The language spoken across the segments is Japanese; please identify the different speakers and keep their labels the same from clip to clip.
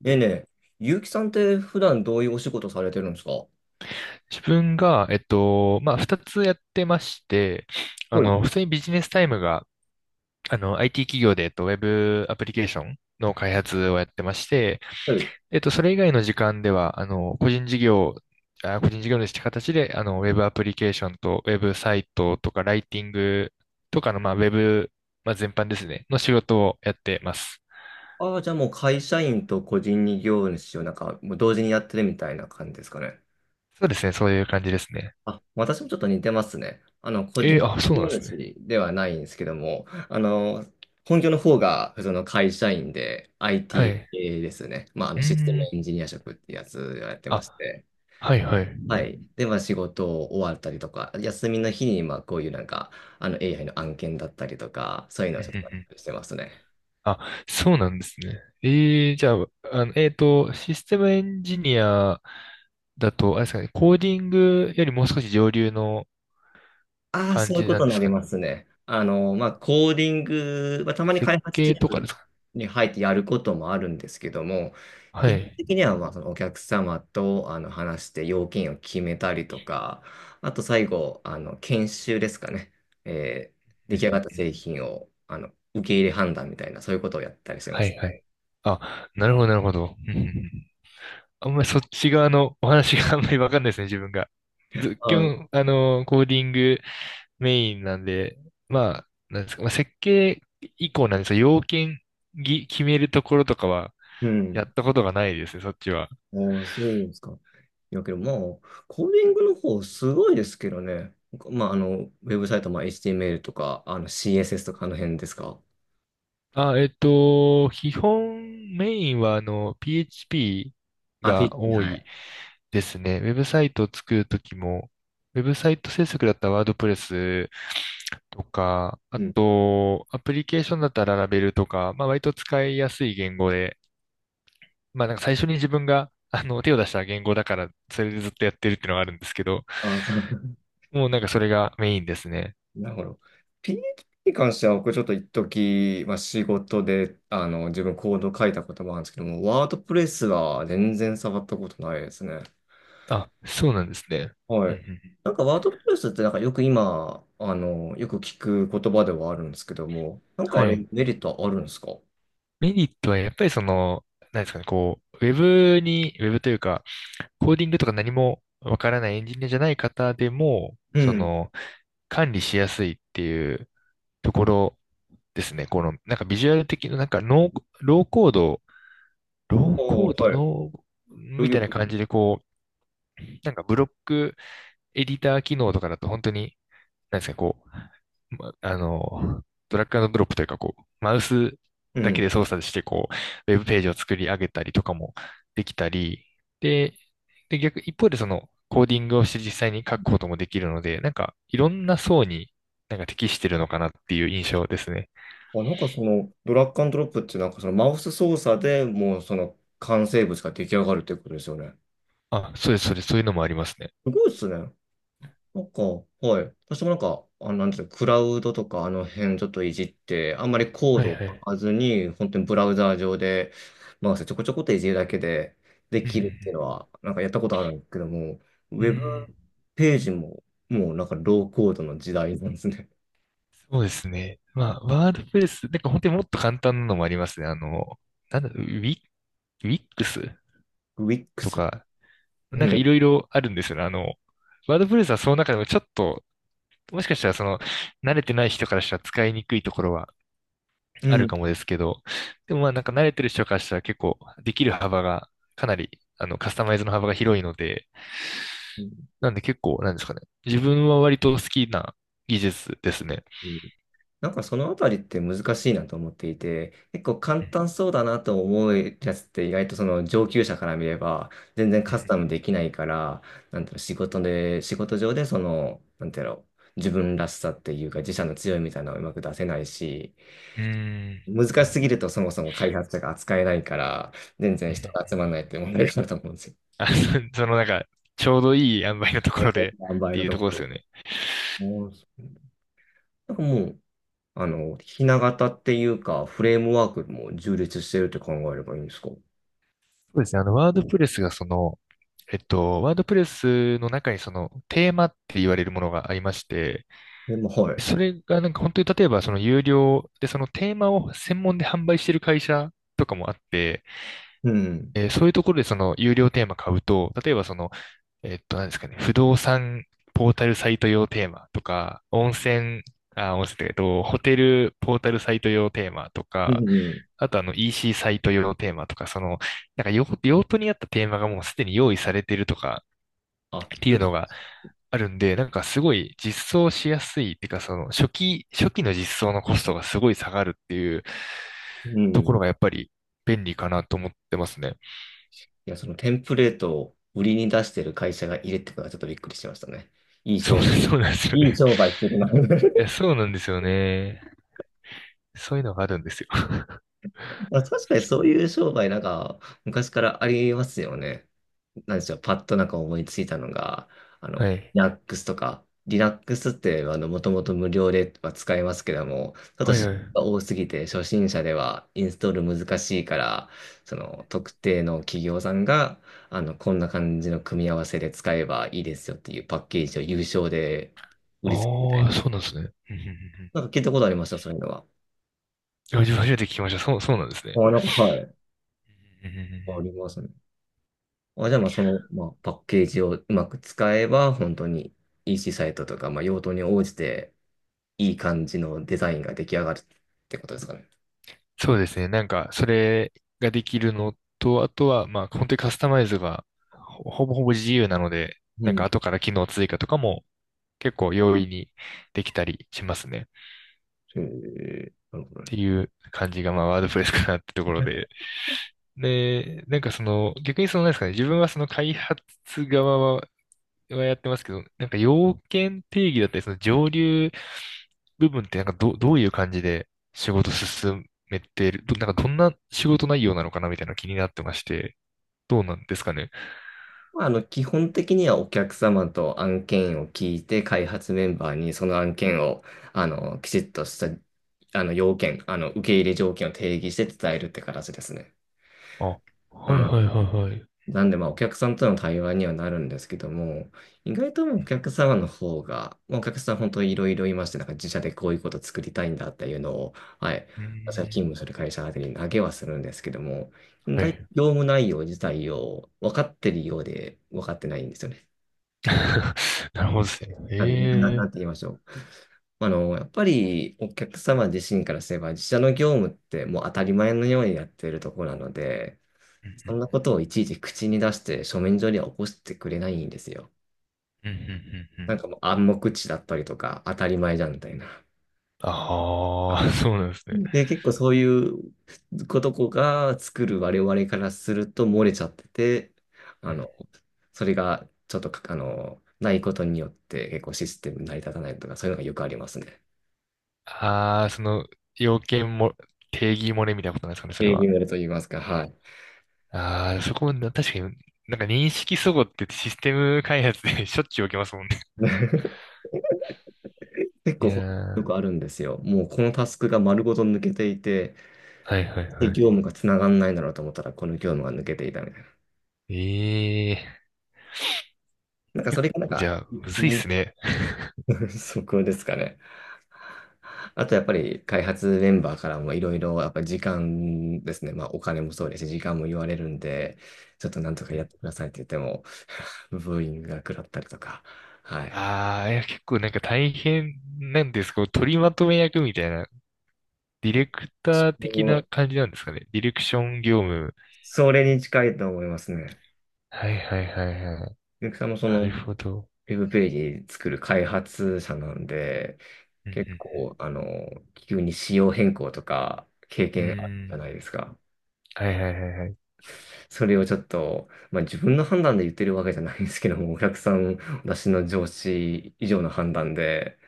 Speaker 1: でね、結城さんって普段どういうお仕事されてるんですか？は
Speaker 2: 自分が、二つやってまして、
Speaker 1: い。
Speaker 2: 普通にビジネスタイムが、IT 企業で、ウェブアプリケーションの開発をやってまして、
Speaker 1: はい。
Speaker 2: それ以外の時間では、個人事業主って形で、ウェブアプリケーションと、ウェブサイトとか、ライティングとかの、まあ、ウェブ、まあ、全般ですね、の仕事をやってます。
Speaker 1: ああ、じゃあもう会社員と個人事業主をなんかもう同時にやってるみたいな感じですかね。
Speaker 2: そうですね、そういう感じですね。
Speaker 1: あ、私もちょっと似てますね。個人
Speaker 2: そ
Speaker 1: 事
Speaker 2: うな
Speaker 1: 業
Speaker 2: んですね。
Speaker 1: 主ではないんですけども、本業の方が普通の会社員で
Speaker 2: は
Speaker 1: IT
Speaker 2: い。
Speaker 1: 系ですね。まあ、あ
Speaker 2: う
Speaker 1: のシステム
Speaker 2: ーん。
Speaker 1: エンジニア職ってやつをやってまし
Speaker 2: あ、
Speaker 1: て。
Speaker 2: はいはい。う
Speaker 1: は
Speaker 2: ん
Speaker 1: い。で、まあ仕事終わったりとか、休みの日にまあこういうなんか、あの AI の案件だったりとか、そういうのを
Speaker 2: うん
Speaker 1: ちょっ
Speaker 2: うん。
Speaker 1: としてますね。
Speaker 2: あ、そうなんですね。ええ、じゃあ、システムエンジニアだと、あれですかね、コーディングよりもう少し上流の
Speaker 1: ああ、
Speaker 2: 感
Speaker 1: そういう
Speaker 2: じ
Speaker 1: こ
Speaker 2: なん
Speaker 1: と
Speaker 2: で
Speaker 1: にな
Speaker 2: す
Speaker 1: り
Speaker 2: かね。
Speaker 1: ますね。まあコーディング、まあ、たまに
Speaker 2: 設
Speaker 1: 開発チー
Speaker 2: 計とか
Speaker 1: ム
Speaker 2: ですか。
Speaker 1: に入ってやることもあるんですけども、
Speaker 2: は
Speaker 1: 基本
Speaker 2: い。
Speaker 1: 的にはまあそのお客様とあの話して要件を決めたりとか、あと最後、あの研修ですかね。えー
Speaker 2: う
Speaker 1: 出来上がっ
Speaker 2: ん
Speaker 1: た
Speaker 2: うん。
Speaker 1: 製品をあの受け入れ判断みたいな、そういうことをやったりしてま
Speaker 2: はい
Speaker 1: す。
Speaker 2: はい。あ、なるほど、なるほど。うんうんうん。あんまりそっち側のお話が あんまりわかんないですね、自分が。ず、基本、コーディングメインなんで、まあ、なんですか、まあ、設計以降なんですが、要件決めるところとかは、
Speaker 1: う
Speaker 2: や
Speaker 1: ん。
Speaker 2: ったことがないですね、そっちは。
Speaker 1: ああ、そうですか。いやけど、まあ、コーディングの方すごいですけどね。まあ、ウェブサイト、まあ、HTML とか、CSS とかあの辺ですか。
Speaker 2: 基本メインはあの PHP
Speaker 1: あ、
Speaker 2: が
Speaker 1: PHP、
Speaker 2: 多
Speaker 1: は
Speaker 2: い
Speaker 1: い。
Speaker 2: ですね。ウェブサイトを作るときも、ウェブサイト制作だったらワードプレスとか、あ
Speaker 1: うん。
Speaker 2: と、アプリケーションだったらララベルとか、まあ割と使いやすい言語で、まあなんか最初に自分があの手を出した言語だから、それでずっとやってるっていうのがあるんですけど、
Speaker 1: あ、そう、
Speaker 2: もうなんかそれがメインですね。
Speaker 1: なるほど。PHP に関しては、僕ちょっと一時、まあ、仕事で、自分コード書いたこともあるんですけども、ワードプレスは全然触ったことないですね。
Speaker 2: あ、そうなんですね。う
Speaker 1: は
Speaker 2: んう
Speaker 1: い。
Speaker 2: んうん。
Speaker 1: なんかワードプレスってなんかよく今、よく聞く言葉ではあるんですけども、なんか
Speaker 2: は
Speaker 1: あれ
Speaker 2: い。
Speaker 1: メリットはあるんですか？
Speaker 2: メリットはやっぱりその、なんですかね、こう、ウェブというか、コーディングとか何もわからないエンジニアじゃない方でも、
Speaker 1: う
Speaker 2: そ
Speaker 1: ん。
Speaker 2: の、管理しやすいっていうところですね。この、なんかビジュアル的な、なんかノー、ローコード、ロ
Speaker 1: あ
Speaker 2: ー
Speaker 1: あ、
Speaker 2: コード、
Speaker 1: はい。
Speaker 2: ノー、
Speaker 1: ロイ
Speaker 2: み
Speaker 1: ド
Speaker 2: たいな感
Speaker 1: 君。
Speaker 2: じで、こう、なんかブロックエディター機能とかだと本当になんですか、こう、まあの、ドラッグアンドドロップというか、こう、マウス
Speaker 1: う
Speaker 2: だけ
Speaker 1: ん。
Speaker 2: で操作して、こう、ウェブページを作り上げたりとかもできたり、で、で、逆、一方でその、コーディングをして実際に書くこともできるので、なんか、いろんな層になんか適してるのかなっていう印象ですね。
Speaker 1: あ、なんかその、ドラッグアンドロップってなんかそのマウス操作でもうその完成物が出来上がるってことですよね。
Speaker 2: あ、そうです、そうです、そういうのもありますね。
Speaker 1: すごいですね。なんか、はい。私もなんか、あ、なんていうの、クラウドとかあの辺ちょっといじって、あんまりコー
Speaker 2: はい
Speaker 1: ドを
Speaker 2: は
Speaker 1: 書
Speaker 2: い。
Speaker 1: かずに、本当にブラウザー上でマウスちょこちょこっといじるだけでで
Speaker 2: うん
Speaker 1: きるっていうのは、なんかやったことあるんですけども、ウ
Speaker 2: うんう
Speaker 1: ェ
Speaker 2: ん、う
Speaker 1: ブ
Speaker 2: ん。
Speaker 1: ページももうなんかローコードの時代なんですね。
Speaker 2: そうですね。まあ、ワードプレス、なんか本当にもっと簡単なのもありますね。あの、なんだ、ウィ、ウィックス
Speaker 1: ウィック
Speaker 2: と
Speaker 1: ス。
Speaker 2: か、な
Speaker 1: う
Speaker 2: んかい
Speaker 1: ん。
Speaker 2: ろいろあるんですよね。あの、ワードプレスはその中でもちょっと、もしかしたらその、慣れてない人からしたら使いにくいところはあるかもですけど、でもまあなんか慣れてる人からしたら結構できる幅がかなり、あの、カスタマイズの幅が広いので、
Speaker 1: うん
Speaker 2: なんで結構、なんですかね。自分は割と好きな技術ですね。
Speaker 1: うん。なんかそのあたりって難しいなと思っていて、結構簡
Speaker 2: うん。
Speaker 1: 単そうだなと思うやつって意外とその上級者から見れば全然カスタムできないから、なんていうの、仕事上でその、なんていうの、自分らしさっていうか自社の強いみたいなのをうまく出せないし、
Speaker 2: うん
Speaker 1: 難しすぎるとそもそも開発者が扱えないから、全
Speaker 2: う
Speaker 1: 然
Speaker 2: ん。
Speaker 1: 人が集まらないって問題があると思うんですよ。
Speaker 2: あ、そそのなんか、ちょうどいい塩梅のところでっ
Speaker 1: 塩梅
Speaker 2: て
Speaker 1: の
Speaker 2: いう
Speaker 1: と
Speaker 2: とこ
Speaker 1: こ
Speaker 2: ろです
Speaker 1: ろ。
Speaker 2: よね。
Speaker 1: もうもうひな型っていうか、フレームワークも充実してるって考えればいいんですか？
Speaker 2: そうですね。ワードプレスの中にそのテーマって言われるものがありまして、
Speaker 1: でも、はい。
Speaker 2: それがなんか本当に例えばその有料でそのテーマを専門で販売してる会社とかもあって、
Speaker 1: うん。
Speaker 2: そういうところでその有料テーマ買うと、例えばその、何ですかね、不動産ポータルサイト用テーマとか、温泉、あ、温泉だけど、ホテルポータルサイト用テーマと
Speaker 1: うん
Speaker 2: か、
Speaker 1: うん。
Speaker 2: あとあの EC サイト用テーマとか、その、用途に合ったテーマがもうすでに用意されてるとか
Speaker 1: あ、
Speaker 2: っていうのがあるんで、なんかすごい実装しやすいっていうか、初期の実装のコストがすごい下がるっていう
Speaker 1: う
Speaker 2: と
Speaker 1: ん。
Speaker 2: ころ
Speaker 1: い
Speaker 2: がやっぱり便利かなと思ってますね。
Speaker 1: や、そのテンプレートを売りに出してる会社がいるってことはちょっとびっくりしましたね。いい
Speaker 2: そう、
Speaker 1: 商売。
Speaker 2: そうなんですよ
Speaker 1: いい
Speaker 2: ね。
Speaker 1: 商売するな。
Speaker 2: い や、そうなんですよね。そういうのがあるんですよ。
Speaker 1: まあ、確かにそういう商売なんか昔からありますよね。なんでしょう、パッとなんか思いついたのが、
Speaker 2: はい。
Speaker 1: Linux とか、Linux ってあの、もともと無料では使えますけども、ちょっと
Speaker 2: は
Speaker 1: 知
Speaker 2: いは
Speaker 1: 識が
Speaker 2: い。
Speaker 1: 多すぎて初心者ではインストール難しいから、その特定の企業さんが、こんな感じの組み合わせで使えばいいですよっていうパッケージを有償で売りつけるみたい
Speaker 2: ああ、
Speaker 1: な。
Speaker 2: そうなんですね。うんうんうんうん。
Speaker 1: なんか聞いたことありました、そういうのは。
Speaker 2: いや初めて聞きました。そう、そうなんですね。
Speaker 1: あ、なんか、はい。
Speaker 2: うんうんうんう
Speaker 1: あ
Speaker 2: ん。
Speaker 1: りますね。あ、じゃあ、まあ、その、まあ、パッケージをうまく使えば、本当に EC サイトとか、まあ、用途に応じて、いい感じのデザインが出来上がるってことですかね。
Speaker 2: そうですね。なんか、それができるのと、あとは、まあ、本当にカスタマイズがほぼ自由なので、
Speaker 1: う
Speaker 2: なんか
Speaker 1: ん。
Speaker 2: 後から機能追加とかも結構容易にできたりしますね。っ
Speaker 1: へえ、なるほどね。
Speaker 2: ていう感じが、まあ、ワードプレスかなってところで。なんかその、逆にその、なんですかね、自分はその開発側はやってますけど、なんか要件定義だったり、その上流部分ってなんかど、どういう感じで仕事進めてる、ど、なんかどんな仕事内容なのかなみたいなの気になってまして、どうなんですかね。
Speaker 1: まあ、基本的にはお客様と案件を聞いて、開発メンバーにその案件を、あの、きちっとした、あの、要件、あの、受け入れ条件を定義して伝えるって形ですね。
Speaker 2: あ、
Speaker 1: う
Speaker 2: はい
Speaker 1: ん。
Speaker 2: はいはいはい。う
Speaker 1: なんで、まあ、お客さんとの対話にはなるんですけども、意外とお客様の方が、まあお客さん本当にいろいろいまして、なんか自社でこういうこと作りたいんだっていうのを、はい、
Speaker 2: ー
Speaker 1: 私が
Speaker 2: ん、
Speaker 1: 勤務する会社宛てに投げはするんですけども、意
Speaker 2: は
Speaker 1: 外と
Speaker 2: い。
Speaker 1: 業務内容自体を分かってるようで分かってないんですよね。
Speaker 2: なるほどですね。
Speaker 1: な
Speaker 2: え
Speaker 1: んて言
Speaker 2: え。
Speaker 1: いましょう。あの、やっぱりお客様自身からすれば、自社の業務ってもう当たり前のようにやっているところなので、そんな
Speaker 2: う
Speaker 1: ことをいちいち口に出して書面上には起こしてくれないんですよ。
Speaker 2: んうんうんうん。う
Speaker 1: なん
Speaker 2: ん。
Speaker 1: かもう暗黙知だったりとか当たり前じゃんみたいな。
Speaker 2: ああ、そうなんです
Speaker 1: う
Speaker 2: ね。
Speaker 1: ん。で、結構そういうことこが作る我々からすると漏れちゃってて、あの、それがちょっとか、ないことによって結構システム成り立たないとかそういうのがよくありますね。
Speaker 2: ああー、その要件も、定義漏れみたいなことなんですかね、それ
Speaker 1: 営業
Speaker 2: は。
Speaker 1: になると言いますか、はい。
Speaker 2: ああ、そこもな、確かに、なんか認識齟齬ってシステム開発で しょっちゅう起きますもんね。
Speaker 1: 結
Speaker 2: い
Speaker 1: 構よ
Speaker 2: や
Speaker 1: く
Speaker 2: ー、
Speaker 1: あるんですよ。もうこのタスクが丸ごと抜けていて、
Speaker 2: はいはい
Speaker 1: で
Speaker 2: は
Speaker 1: 業務がつながんないだろうと思ったらこの業務が抜けていたみたいな。
Speaker 2: い。ええー、
Speaker 1: なんかそ
Speaker 2: 結
Speaker 1: れがなん
Speaker 2: 構じ
Speaker 1: か、
Speaker 2: ゃあ、む
Speaker 1: う
Speaker 2: ずいっ
Speaker 1: ん。
Speaker 2: すね。
Speaker 1: そこですかね。あとやっぱり開発メンバーからもいろいろやっぱり時間ですね。まあお金もそうですし、時間も言われるんで、ちょっとなんとかやってくださいって言っても、ブーイングが食らったりとか。はい。
Speaker 2: ああー、いや、結構なんか大変なんですか、取りまとめ役みたいな、ディレク
Speaker 1: そ
Speaker 2: ター的な
Speaker 1: う、
Speaker 2: 感じなんですかね。ディレクション業務。
Speaker 1: それに近いと思いますね。
Speaker 2: はいはいはいはい。
Speaker 1: ゆきさんもそ
Speaker 2: な
Speaker 1: のウ
Speaker 2: るほど。
Speaker 1: ェブページ作る開発者なんで、
Speaker 2: う
Speaker 1: 結
Speaker 2: ん
Speaker 1: 構あの、急に仕様変更とか経
Speaker 2: うん。う
Speaker 1: 験ある
Speaker 2: ー
Speaker 1: じゃ
Speaker 2: ん。
Speaker 1: ないですか。
Speaker 2: はいはいはいはい。
Speaker 1: それをちょっと、まあ、自分の判断で言ってるわけじゃないんですけども、お客さん、私の上司以上の判断で、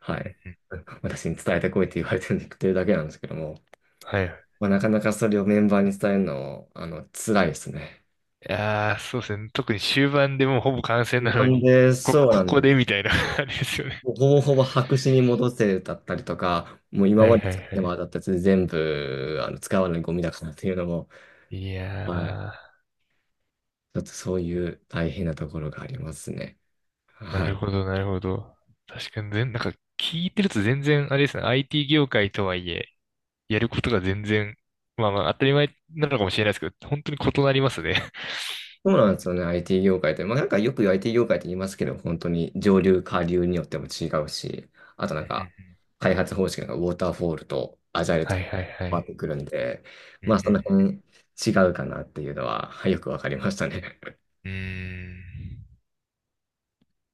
Speaker 1: は
Speaker 2: う
Speaker 1: い、
Speaker 2: んうん。
Speaker 1: 私に伝えてこいって言われてるだけなんですけども、
Speaker 2: はい。
Speaker 1: まあ、なかなかそれをメンバーに伝えるの、あの、辛いですね。
Speaker 2: いやー、そうですね。特に終盤でもうほぼ完成な
Speaker 1: な
Speaker 2: の
Speaker 1: ん
Speaker 2: に、
Speaker 1: で、そうな
Speaker 2: こ
Speaker 1: ん
Speaker 2: こ
Speaker 1: で
Speaker 2: でみ
Speaker 1: す。
Speaker 2: たいな あれですよね。
Speaker 1: もうほぼほぼ白紙に戻せだったりとか、もう今
Speaker 2: はい
Speaker 1: まで
Speaker 2: はいはい。
Speaker 1: 作ってもらったやつ全部、使わないゴミだからっていうのも、
Speaker 2: いや
Speaker 1: はい、
Speaker 2: ー、
Speaker 1: ちょっとそういう大変なところがありますね。
Speaker 2: な
Speaker 1: は
Speaker 2: る
Speaker 1: い。
Speaker 2: ほどなるほど。確かに全、なんか聞いてると全然、あれですね。IT 業界とはいえ、やることが全然、まあまあ当たり前なのかもしれないですけど、本当に異なりますね。
Speaker 1: そう
Speaker 2: う
Speaker 1: なんで
Speaker 2: ん
Speaker 1: すよね、IT 業界って。まあ、なんかよく IT 業界って言いますけど、本当に上流、下流によっても違うし、あとな
Speaker 2: う
Speaker 1: ん
Speaker 2: んうんう
Speaker 1: か、
Speaker 2: ん。
Speaker 1: 開発方式がウォーターフォールとアジャイルと
Speaker 2: は
Speaker 1: 変
Speaker 2: いはいは
Speaker 1: わっ
Speaker 2: い。
Speaker 1: てくるんで、
Speaker 2: うんう
Speaker 1: まあ、そ
Speaker 2: ん
Speaker 1: の辺違うかなっていうのは、はいよくわかりましたね。
Speaker 2: うん。うーん。